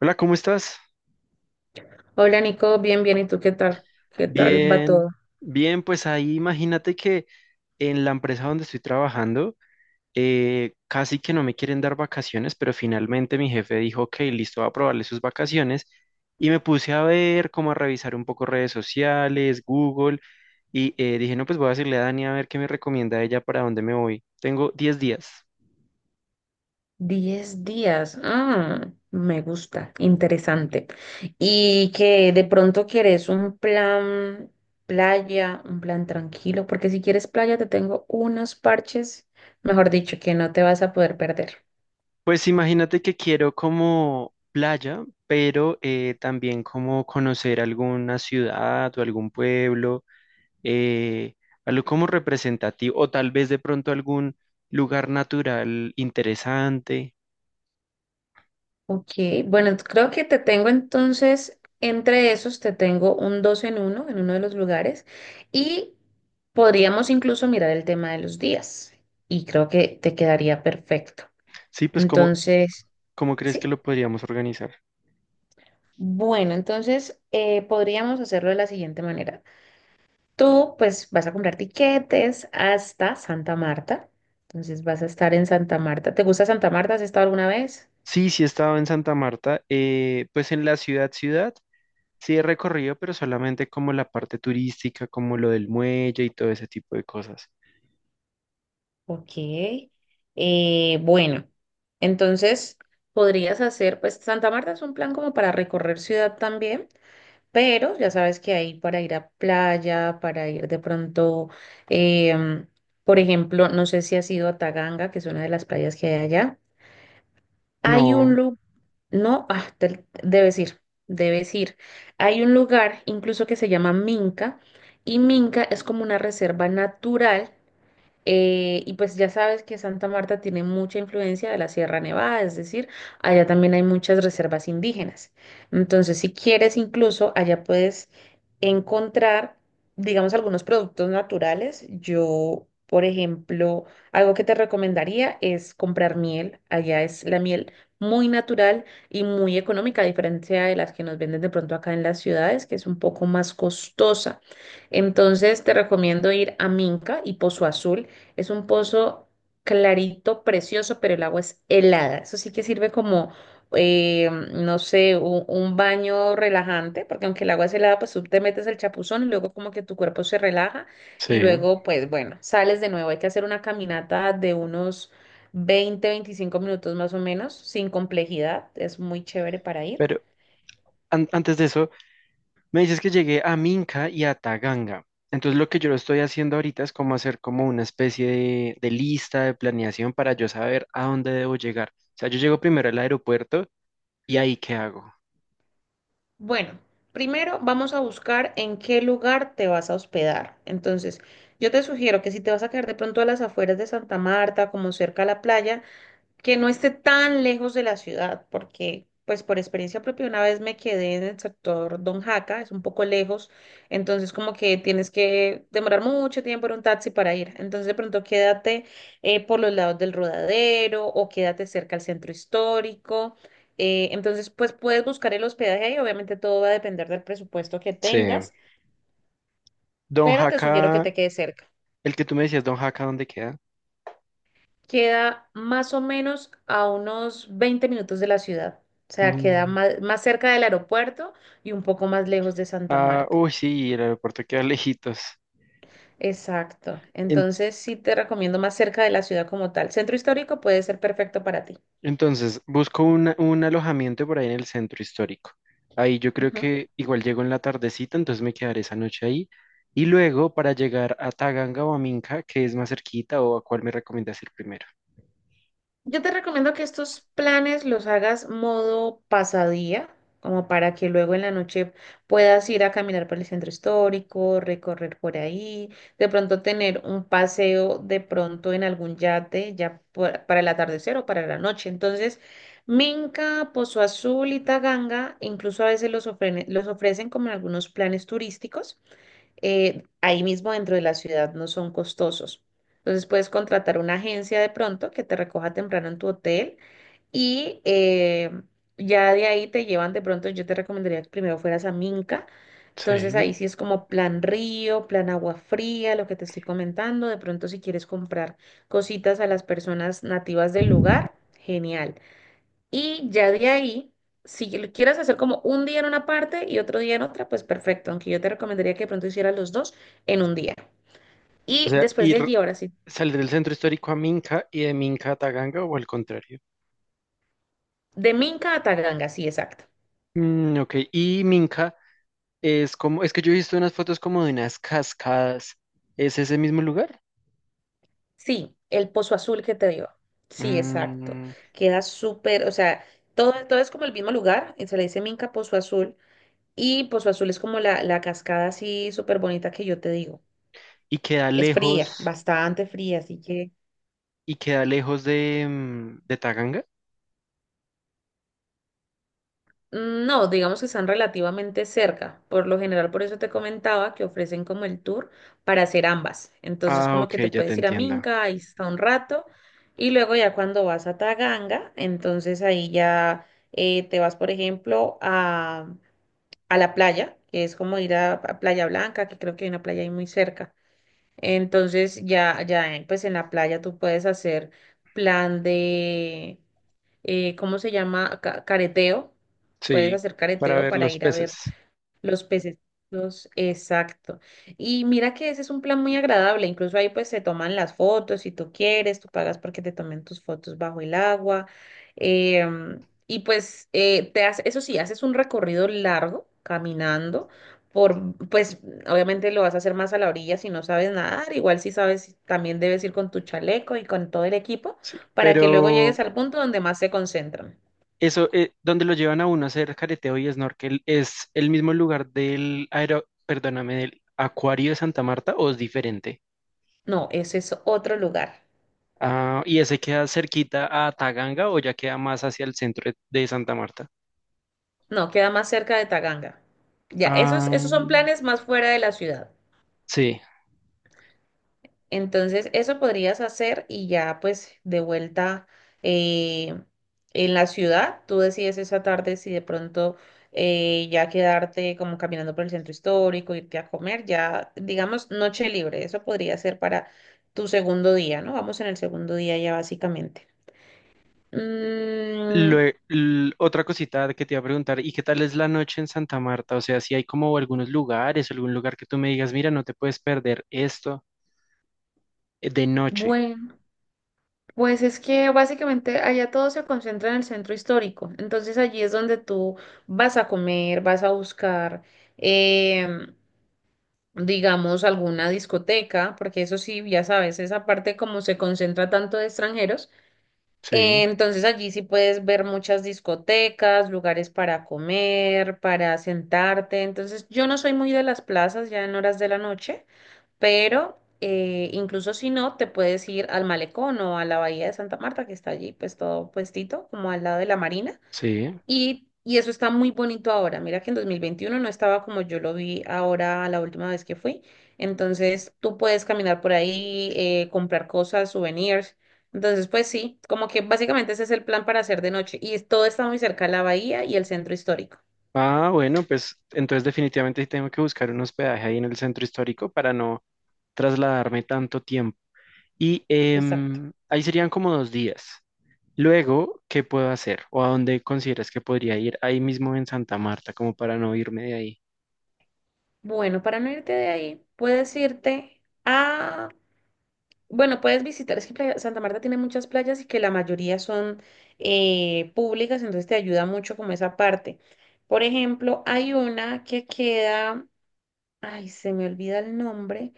Hola, ¿cómo estás? Hola Nico, bien, bien, ¿y tú qué tal? ¿Qué tal va Bien, todo? bien, pues ahí imagínate que en la empresa donde estoy trabajando, casi que no me quieren dar vacaciones, pero finalmente mi jefe dijo, ok, listo, va a aprobarle sus vacaciones y me puse a ver, como a revisar un poco redes sociales, Google, y dije, no, pues voy a decirle a Dani a ver qué me recomienda ella para dónde me voy. Tengo 10 días. 10 días, ah, me gusta, interesante. Y que de pronto quieres un plan playa, un plan tranquilo, porque si quieres playa te tengo unos parches, mejor dicho, que no te vas a poder perder. Pues imagínate que quiero como playa, pero también como conocer alguna ciudad o algún pueblo, eh, algo como representativo, o tal vez de pronto algún lugar natural interesante. Ok, bueno, creo que te tengo entonces, entre esos te tengo un dos en uno de los lugares y podríamos incluso mirar el tema de los días y creo que te quedaría perfecto. Sí, pues ¿cómo, Entonces, cómo crees que sí, lo podríamos organizar? bueno, entonces podríamos hacerlo de la siguiente manera. Tú pues vas a comprar tiquetes hasta Santa Marta, entonces vas a estar en Santa Marta. ¿Te gusta Santa Marta? ¿Has estado alguna vez? Sí, sí he estado en Santa Marta, pues en la ciudad, ciudad, sí he recorrido, pero solamente como la parte turística, como lo del muelle y todo ese tipo de cosas. Ok. Bueno, entonces podrías hacer, pues Santa Marta es un plan como para recorrer ciudad también, pero ya sabes que hay para ir a playa, para ir de pronto, em, por ejemplo, no sé si has ido a Taganga, que es una de las playas que hay allá. Hay un No, lugar, no, ah, debes ir, debes ir. Hay un lugar incluso que se llama Minca y Minca es como una reserva natural. Y pues ya sabes que Santa Marta tiene mucha influencia de la Sierra Nevada, es decir, allá también hay muchas reservas indígenas. Entonces, si quieres, incluso allá puedes encontrar, digamos, algunos productos naturales. Yo, por ejemplo, algo que te recomendaría es comprar miel. Allá es la miel muy natural y muy económica, a diferencia de las que nos venden de pronto acá en las ciudades, que es un poco más costosa. Entonces, te recomiendo ir a Minca y Pozo Azul es un pozo clarito, precioso, pero el agua es helada. Eso sí que sirve como, no sé, un baño relajante, porque aunque el agua es helada, pues tú te metes el chapuzón y luego como que tu cuerpo se relaja y sí. luego, pues bueno, sales de nuevo. Hay que hacer una caminata de unos 20 25 minutos más o menos, sin complejidad. Es muy chévere para ir. Pero antes de eso, me dices que llegué a Minca y a Taganga. Entonces lo que yo lo estoy haciendo ahorita es como hacer como una especie de lista de planeación para yo saber a dónde debo llegar. O sea, yo llego primero al aeropuerto y ahí qué hago. Bueno, primero vamos a buscar en qué lugar te vas a hospedar. Entonces, yo te sugiero que si te vas a quedar de pronto a las afueras de Santa Marta, como cerca a la playa, que no esté tan lejos de la ciudad, porque pues por experiencia propia una vez me quedé en el sector Don Jaca, es un poco lejos, entonces como que tienes que demorar mucho tiempo en un taxi para ir, entonces de pronto quédate por los lados del Rodadero o quédate cerca al centro histórico, entonces pues puedes buscar el hospedaje ahí, obviamente todo va a depender del presupuesto que Sí. tengas, Don pero te sugiero que Jaca, te quedes cerca. el que tú me decías, Don Jaca, ¿dónde queda? Queda más o menos a unos 20 minutos de la ciudad. O sea, queda Mm, más, más cerca del aeropuerto y un poco más lejos de Santa Ah, Marta. uy, sí, el aeropuerto queda lejitos. Exacto. Entonces sí te recomiendo más cerca de la ciudad como tal. Centro histórico puede ser perfecto para ti. Entonces, busco un alojamiento por ahí en el centro histórico. Ahí yo creo Ujú. que igual llego en la tardecita, entonces me quedaré esa noche ahí. Y luego para llegar a Taganga o a Minca, ¿que es más cerquita o a cuál me recomiendas ir primero? Yo te recomiendo que estos planes los hagas modo pasadía, como para que luego en la noche puedas ir a caminar por el centro histórico, recorrer por ahí, de pronto tener un paseo de pronto en algún yate, ya para el atardecer o para la noche. Entonces, Minca, Pozo Azul y Taganga, incluso a veces los ofrecen como en algunos planes turísticos, ahí mismo dentro de la ciudad no son costosos. Entonces puedes contratar una agencia de pronto que te recoja temprano en tu hotel y ya de ahí te llevan de pronto, yo te recomendaría que primero fueras a Minca, entonces Sí. ahí sí es como plan río, plan agua fría, lo que te estoy comentando, de pronto si quieres comprar cositas a las personas nativas del lugar, genial. Y ya de ahí, si lo quieres hacer como un día en una parte y otro día en otra, pues perfecto, aunque yo te recomendaría que de pronto hicieras los dos en un día. O Y sea, después de ir, allí, ahora sí, salir del centro histórico a Minca y de Minca a Taganga o al contrario. de Minca a Taganga, sí, exacto. Mm, ok, y Minca es como, es que yo he visto unas fotos como de unas cascadas. ¿Es ese mismo lugar? Sí, el Pozo Azul que te digo. Sí, exacto. Mm, Queda súper, o sea, todo, todo es como el mismo lugar, y se le dice Minca Pozo Azul, y Pozo Azul es como la cascada así súper bonita que yo te digo. ¿y queda Es lejos? fría, bastante fría, así que... ¿Y queda lejos de, mm, de Taganga? Mm, no, digamos que están relativamente cerca. Por lo general, por eso te comentaba que ofrecen como el tour para hacer ambas. Entonces, Ah, como ok, que te ya te puedes ir a entiendo. Minca, ahí está un rato, y luego ya cuando vas a Taganga, entonces ahí ya te vas, por ejemplo, a, la playa, que es como ir a Playa Blanca, que creo que hay una playa ahí muy cerca. Entonces, ya, ya, pues en la playa tú puedes hacer plan de ¿cómo se llama? Careteo. Puedes Sí, hacer para careteo ver para los ir a ver peces. los pececitos, exacto. Y mira que ese es un plan muy agradable, incluso ahí pues se toman las fotos, si tú quieres, tú pagas porque te tomen tus fotos bajo el agua. Y pues te hace, eso sí, haces un recorrido largo caminando por, pues obviamente lo vas a hacer más a la orilla si no sabes nadar, igual si sabes, también debes ir con tu chaleco y con todo el equipo Sí, para que luego pero llegues al punto donde más se concentran. eso, donde lo llevan a uno a hacer careteo y snorkel, ¿es el mismo lugar del aero, perdóname, del acuario de Santa Marta o es diferente? No, ese es otro lugar. Ah, ¿y ese queda cerquita a Taganga o ya queda más hacia el centro de Santa Marta? No, queda más cerca de Taganga. Ya, esos, Ah, esos son planes más fuera de la ciudad. sí. Entonces, eso podrías hacer y ya pues de vuelta, eh, en la ciudad, tú decides esa tarde si de pronto ya quedarte como caminando por el centro histórico, irte a comer, ya digamos noche libre, eso podría ser para tu segundo día, ¿no? Vamos en el segundo día ya básicamente. Mm, Otra cosita que te iba a preguntar, ¿y qué tal es la noche en Santa Marta? O sea, si hay como algunos lugares, algún lugar que tú me digas, mira, no te puedes perder esto, de noche. bueno. Pues es que básicamente allá todo se concentra en el centro histórico, entonces allí es donde tú vas a comer, vas a buscar, em, digamos, alguna discoteca, porque eso sí, ya sabes, esa parte como se concentra tanto de extranjeros, Sí, entonces allí sí puedes ver muchas discotecas, lugares para comer, para sentarte, entonces yo no soy muy de las plazas ya en horas de la noche, pero incluso si no, te puedes ir al malecón o a la bahía de Santa Marta, que está allí, pues todo puestito, como al lado de la marina, sí. y eso está muy bonito ahora. Mira que en 2021 no estaba como yo lo vi ahora la última vez que fui, entonces tú puedes caminar por ahí, comprar cosas, souvenirs. Entonces, pues sí, como que básicamente ese es el plan para hacer de noche y todo está muy cerca de la bahía y el centro histórico. Ah, bueno, pues entonces definitivamente sí tengo que buscar un hospedaje ahí en el centro histórico para no trasladarme tanto tiempo. Y Exacto. Ahí serían como 2 días. Luego, ¿qué puedo hacer? ¿O a dónde consideras que podría ir ahí mismo en Santa Marta, como para no irme de ahí? Bueno, para no irte de ahí, puedes irte a, bueno, puedes visitar, es que Santa Marta tiene muchas playas y que la mayoría son públicas, entonces te ayuda mucho como esa parte. Por ejemplo, hay una que queda, ay, se me olvida el nombre,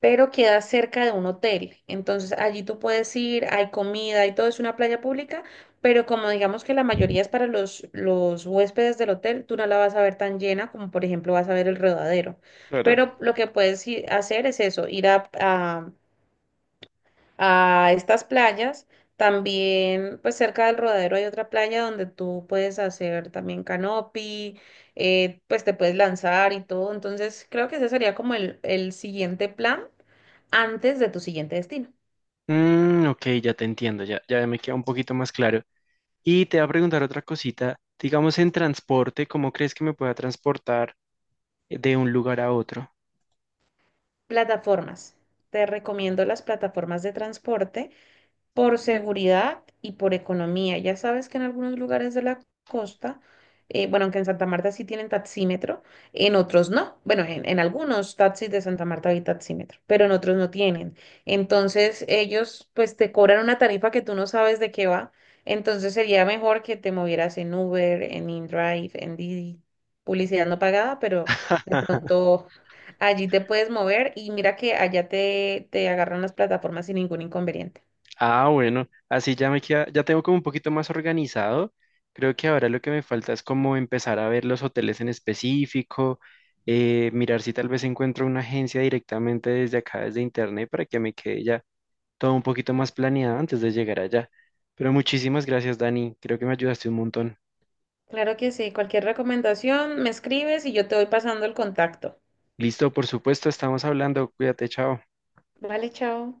pero queda cerca de un hotel. Entonces allí tú puedes ir, hay comida y todo, es una playa pública, pero como digamos que la mayoría es para los huéspedes del hotel, tú no la vas a ver tan llena como por ejemplo vas a ver el Rodadero. Pero lo que puedes hacer es eso, ir a estas playas. También, pues cerca del Rodadero hay otra playa donde tú puedes hacer también canopy, pues te puedes lanzar y todo. Entonces, creo que ese sería como el siguiente plan antes de tu siguiente destino. Mm, ok, ya te entiendo, ya, ya me queda un poquito más claro. Y te voy a preguntar otra cosita, digamos en transporte, ¿cómo crees que me pueda transportar, de un lugar a otro? Plataformas. Te recomiendo las plataformas de transporte. Por seguridad y por economía. Ya sabes que en algunos lugares de la costa, bueno, aunque en Santa Marta sí tienen taxímetro, en otros no. Bueno, en algunos taxis de Santa Marta hay taxímetro, pero en otros no tienen. Entonces ellos pues te cobran una tarifa que tú no sabes de qué va. Entonces sería mejor que te movieras en Uber, en InDrive, en Didi, publicidad no pagada, pero de pronto allí te puedes mover y mira que allá te, agarran las plataformas sin ningún inconveniente. Ah, bueno, así ya me queda, ya tengo como un poquito más organizado. Creo que ahora lo que me falta es como empezar a ver los hoteles en específico, mirar si tal vez encuentro una agencia directamente desde acá, desde internet, para que me quede ya todo un poquito más planeado antes de llegar allá. Pero muchísimas gracias, Dani. Creo que me ayudaste un montón. Claro que sí. Cualquier recomendación me escribes y yo te voy pasando el contacto. Listo, por supuesto, estamos hablando. Cuídate, chao. Vale, chao.